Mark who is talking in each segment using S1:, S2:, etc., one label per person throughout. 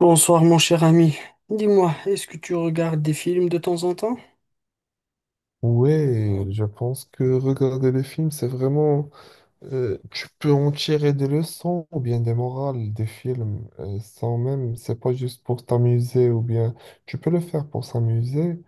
S1: Bonsoir mon cher ami. Dis-moi, est-ce que tu regardes des films de temps en temps?
S2: Ouais, je pense que regarder les films, c'est vraiment tu peux en tirer des leçons ou bien des morales des films sans même... C'est pas juste pour t'amuser ou bien... Tu peux le faire pour s'amuser,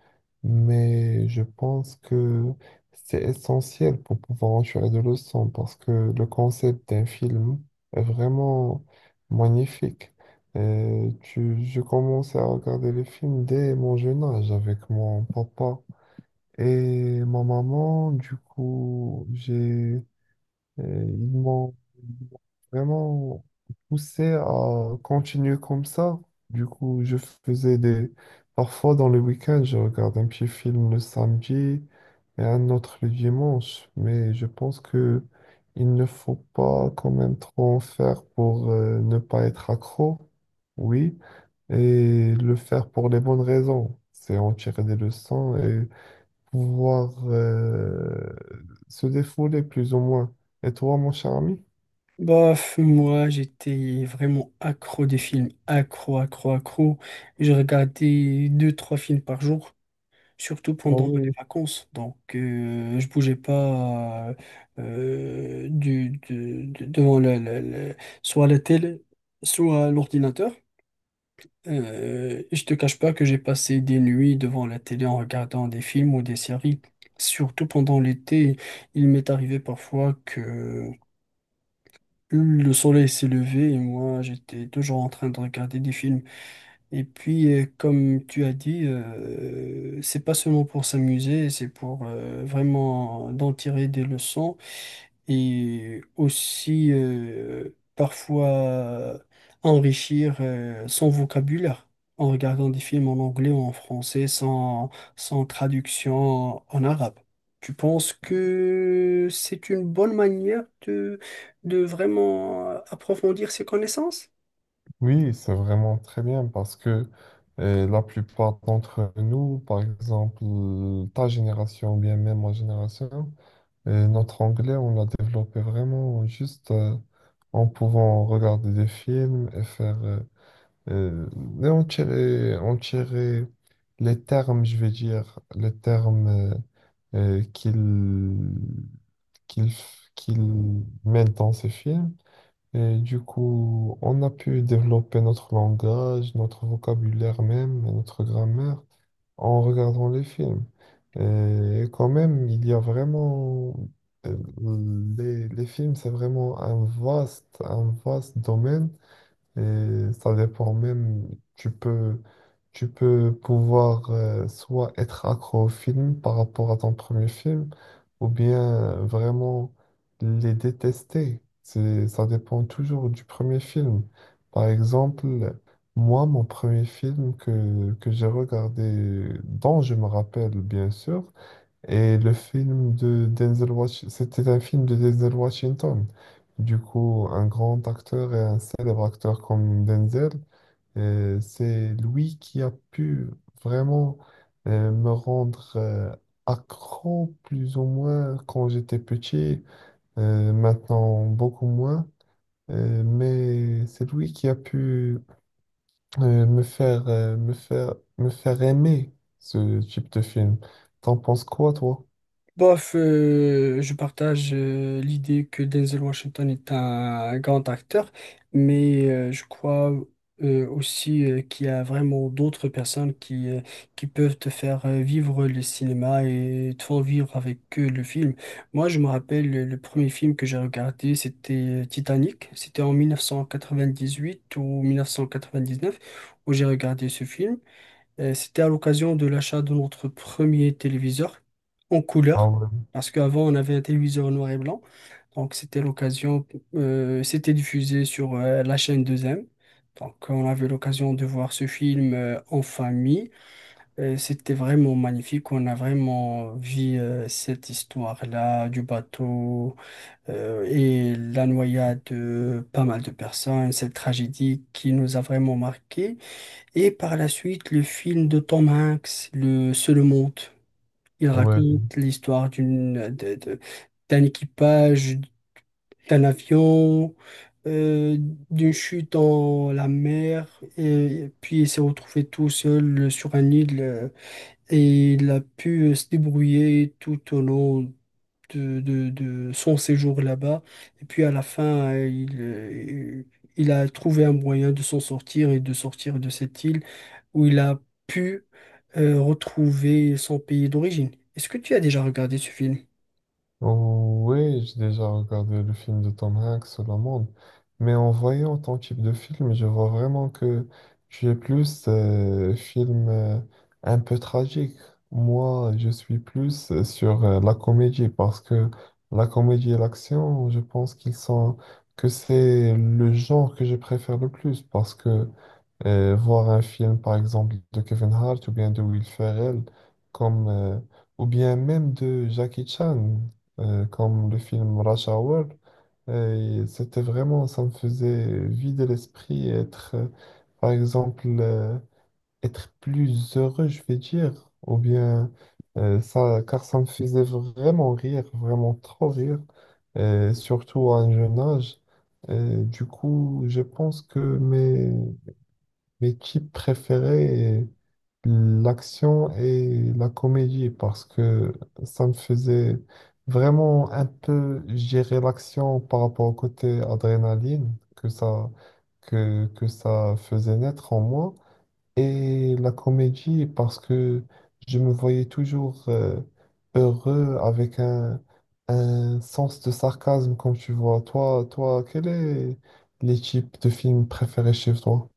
S2: mais je pense que c'est essentiel pour pouvoir en tirer des leçons parce que le concept d'un film est vraiment magnifique. Tu... Je commençais à regarder les films dès mon jeune âge avec mon papa. Et ma maman, du coup, j'ai, euh, ils m'ont ils m'ont vraiment poussé à continuer comme ça. Du coup, je faisais des... Parfois, dans le week-end, je regarde un petit film le samedi et un autre le dimanche. Mais je pense que il ne faut pas quand même trop en faire pour ne pas être accro, oui, et le faire pour les bonnes raisons. C'est en tirer des leçons, pouvoir se défouler plus ou moins. Et toi, mon cher ami?
S1: Bof, moi j'étais vraiment accro des films, accro, accro, accro. Je regardais deux, trois films par jour, surtout
S2: Ah
S1: pendant
S2: oui,
S1: les
S2: oui.
S1: vacances. Donc je bougeais pas devant la soit la télé, soit l'ordinateur. Je te cache pas que j'ai passé des nuits devant la télé en regardant des films ou des séries. Surtout pendant l'été, il m'est arrivé parfois que le soleil s'est levé et moi j'étais toujours en train de regarder des films. Et puis, comme tu as dit, c'est pas seulement pour s'amuser, c'est pour vraiment d'en tirer des leçons et aussi parfois enrichir son vocabulaire en regardant des films en anglais ou en français sans traduction en arabe. Tu penses que c'est une bonne manière de vraiment approfondir ses connaissances?
S2: Oui, c'est vraiment très bien parce que la plupart d'entre nous, par exemple ta génération ou bien même ma génération, notre anglais, on l'a développé vraiment juste en pouvant regarder des films et faire... euh, et en tirer les termes, je vais dire, les termes euh, qu'ils qu'il met dans ses films. Et du coup, on a pu développer notre langage, notre vocabulaire même, et notre grammaire en regardant les films. Et quand même, il y a vraiment... euh, les films, c'est vraiment un vaste domaine, et ça dépend même, tu peux, tu peux pouvoir soit être accro au film par rapport à ton premier film, ou bien vraiment les détester. C'est, ça dépend toujours du premier film. Par exemple, moi, mon premier film que j'ai regardé, dont je me rappelle bien sûr, et le film de Denzel Washington, c'était un film de Denzel Washington. Du coup, un grand acteur et un célèbre acteur comme Denzel, c'est lui qui a pu vraiment me rendre accro plus ou moins quand j'étais petit, maintenant beaucoup moins. Mais c'est lui qui a pu me faire aimer ce type de film. T'en penses quoi, toi?
S1: Bof, je partage l'idée que Denzel Washington est un grand acteur, mais je crois aussi qu'il y a vraiment d'autres personnes qui qui peuvent te faire vivre le cinéma et te font vivre avec eux le film. Moi, je me rappelle le premier film que j'ai regardé, c'était Titanic. C'était en 1998 ou 1999, où j'ai regardé ce film. C'était à l'occasion de l'achat de notre premier téléviseur en
S2: Ah
S1: couleur,
S2: ouais.
S1: parce qu'avant on avait un téléviseur noir et blanc. Donc c'était l'occasion, c'était diffusé sur la chaîne 2M. Donc on avait l'occasion de voir ce film en famille. C'était vraiment magnifique. On a vraiment vu cette histoire-là du bateau et la noyade de pas mal de personnes, cette tragédie qui nous a vraiment marqué. Et par la suite, le film de Tom Hanks, Le Seul Monde. Il
S2: Ouais.
S1: raconte l'histoire d'un équipage, d'un avion, euh, d'une chute dans la mer, et puis il s'est retrouvé tout seul sur un île, et il a pu se débrouiller tout au long de son séjour là-bas. Et puis à la fin, il a trouvé un moyen de s'en sortir et de sortir de cette île où il a pu retrouver son pays d'origine. Est-ce que tu as déjà regardé ce film?
S2: Oui, j'ai déjà regardé le film de Tom Hanks, sur La Monde, mais en voyant ton type de film, je vois vraiment que tu es plus film un peu tragique. Moi, je suis plus sur la comédie parce que la comédie et l'action, je pense qu'ils sont, que c'est le genre que je préfère le plus parce que voir un film, par exemple, de Kevin Hart ou bien de Will Ferrell, comme, ou bien même de Jackie Chan, comme le film Rush Hour. Et c'était vraiment, ça me faisait vider l'esprit et être, par exemple, être plus heureux, je vais dire, ou bien ça, car ça me faisait vraiment rire, vraiment trop rire, surtout à un jeune âge. Du coup, je pense que mes, mes types préférés, l'action et la comédie, parce que ça me faisait vraiment un peu gérer l'action par rapport au côté adrénaline que ça faisait naître en moi, et la comédie, parce que je me voyais toujours heureux avec un sens de sarcasme, comme tu vois. Toi, toi, quel est les types de films préférés chez toi?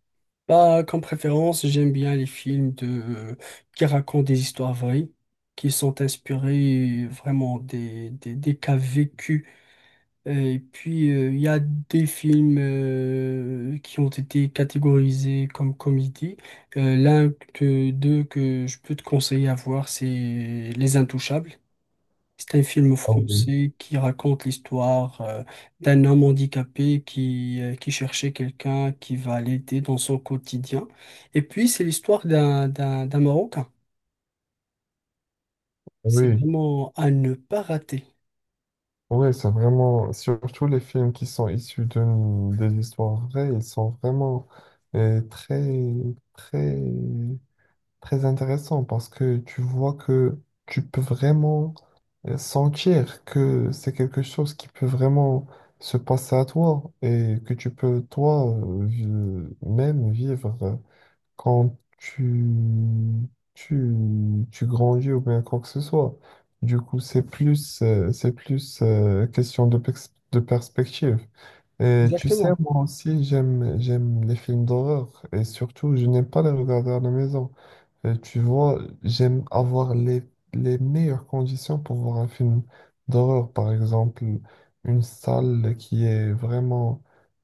S1: Bah, comme préférence, j'aime bien les films qui racontent des histoires vraies, qui sont inspirés vraiment des cas vécus. Et puis, il y a des films qui ont été catégorisés comme comédie. L'un d'eux que je peux te conseiller à voir, c'est Les Intouchables. C'est un film
S2: Ah oui.
S1: français qui raconte l'histoire d'un homme handicapé qui qui cherchait quelqu'un qui va l'aider dans son quotidien. Et puis, c'est l'histoire d'un Marocain. C'est
S2: Oui,
S1: vraiment à ne pas rater.
S2: oui, c'est vraiment, surtout les films qui sont issus de, des histoires vraies, ils sont vraiment très, très, très intéressants parce que tu vois que tu peux vraiment sentir que c'est quelque chose qui peut vraiment se passer à toi et que tu peux toi même vivre quand tu grandis ou bien quoi que ce soit. Du coup, c'est plus question de, de perspective. Et tu sais,
S1: Exactement.
S2: moi aussi, j'aime, j'aime les films d'horreur et surtout, je n'aime pas les regarder à la maison. Tu vois, j'aime avoir les meilleures conditions pour voir un film d'horreur, par exemple, une salle qui est vraiment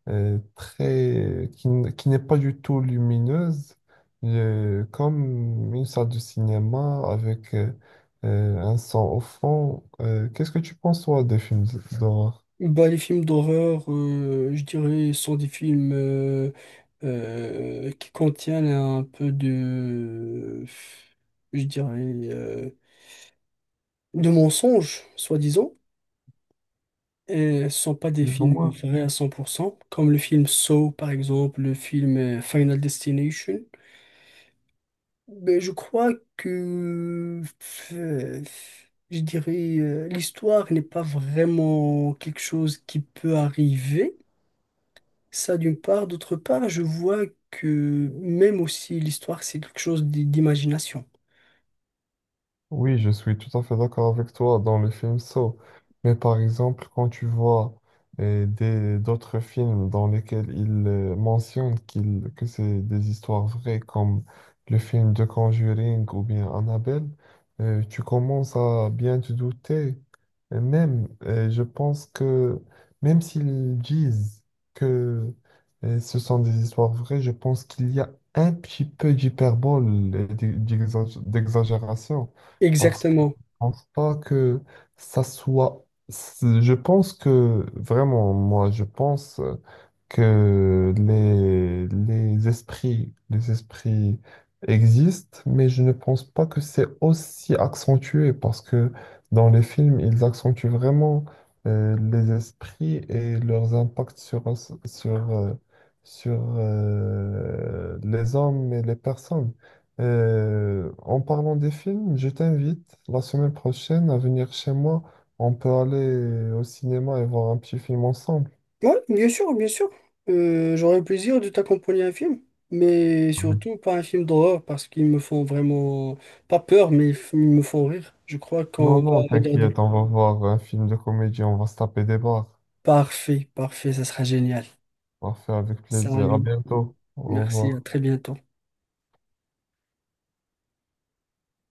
S2: très, qui, qui n'est pas du tout lumineuse, comme une salle de cinéma avec un son au fond. Qu'est-ce que tu penses, toi, des films d'horreur?
S1: Bah, les films d'horreur, je dirais, sont des films qui contiennent un peu je dirais, euh, de mensonges, soi-disant. Et ce ne sont pas des films
S2: Dis-moi.
S1: vrais à 100%, comme le film Saw, par exemple, le film Final Destination. Mais je crois que, euh, je dirais, l'histoire n'est pas vraiment quelque chose qui peut arriver. Ça d'une part. D'autre part, je vois que même aussi l'histoire, c'est quelque chose d'imagination.
S2: Oui, je suis tout à fait d'accord avec toi dans le film Saw. Mais par exemple, quand tu vois des, d'autres films dans lesquels ils mentionnent qu'il, que c'est des histoires vraies, comme le film de Conjuring ou bien Annabelle, tu commences à bien te douter. Et même, je pense que même s'ils disent que ce sont des histoires vraies, je pense qu'il y a un petit peu d'hyperbole et d'exagération. Parce que je
S1: Exactement.
S2: pense pas que ça soit. Je pense que vraiment, moi, je pense. Que les esprits existent, mais je ne pense pas que c'est aussi accentué parce que dans les films, ils accentuent vraiment les esprits et leurs impacts sur, sur, sur les hommes et les personnes. En parlant des films, je t'invite la semaine prochaine à venir chez moi. On peut aller au cinéma et voir un petit film ensemble.
S1: Oui, bien sûr, bien sûr. J'aurais le plaisir de t'accompagner à un film, mais surtout pas un film d'horreur parce qu'ils me font vraiment, pas peur, mais ils me font rire. Je crois
S2: Non,
S1: qu'on va
S2: non,
S1: regarder.
S2: t'inquiète, on va voir un film de comédie, on va se taper des barres.
S1: Parfait, parfait, ça sera génial.
S2: Parfait, avec plaisir. À
S1: Salut,
S2: bientôt. Au
S1: merci, à
S2: revoir.
S1: très bientôt.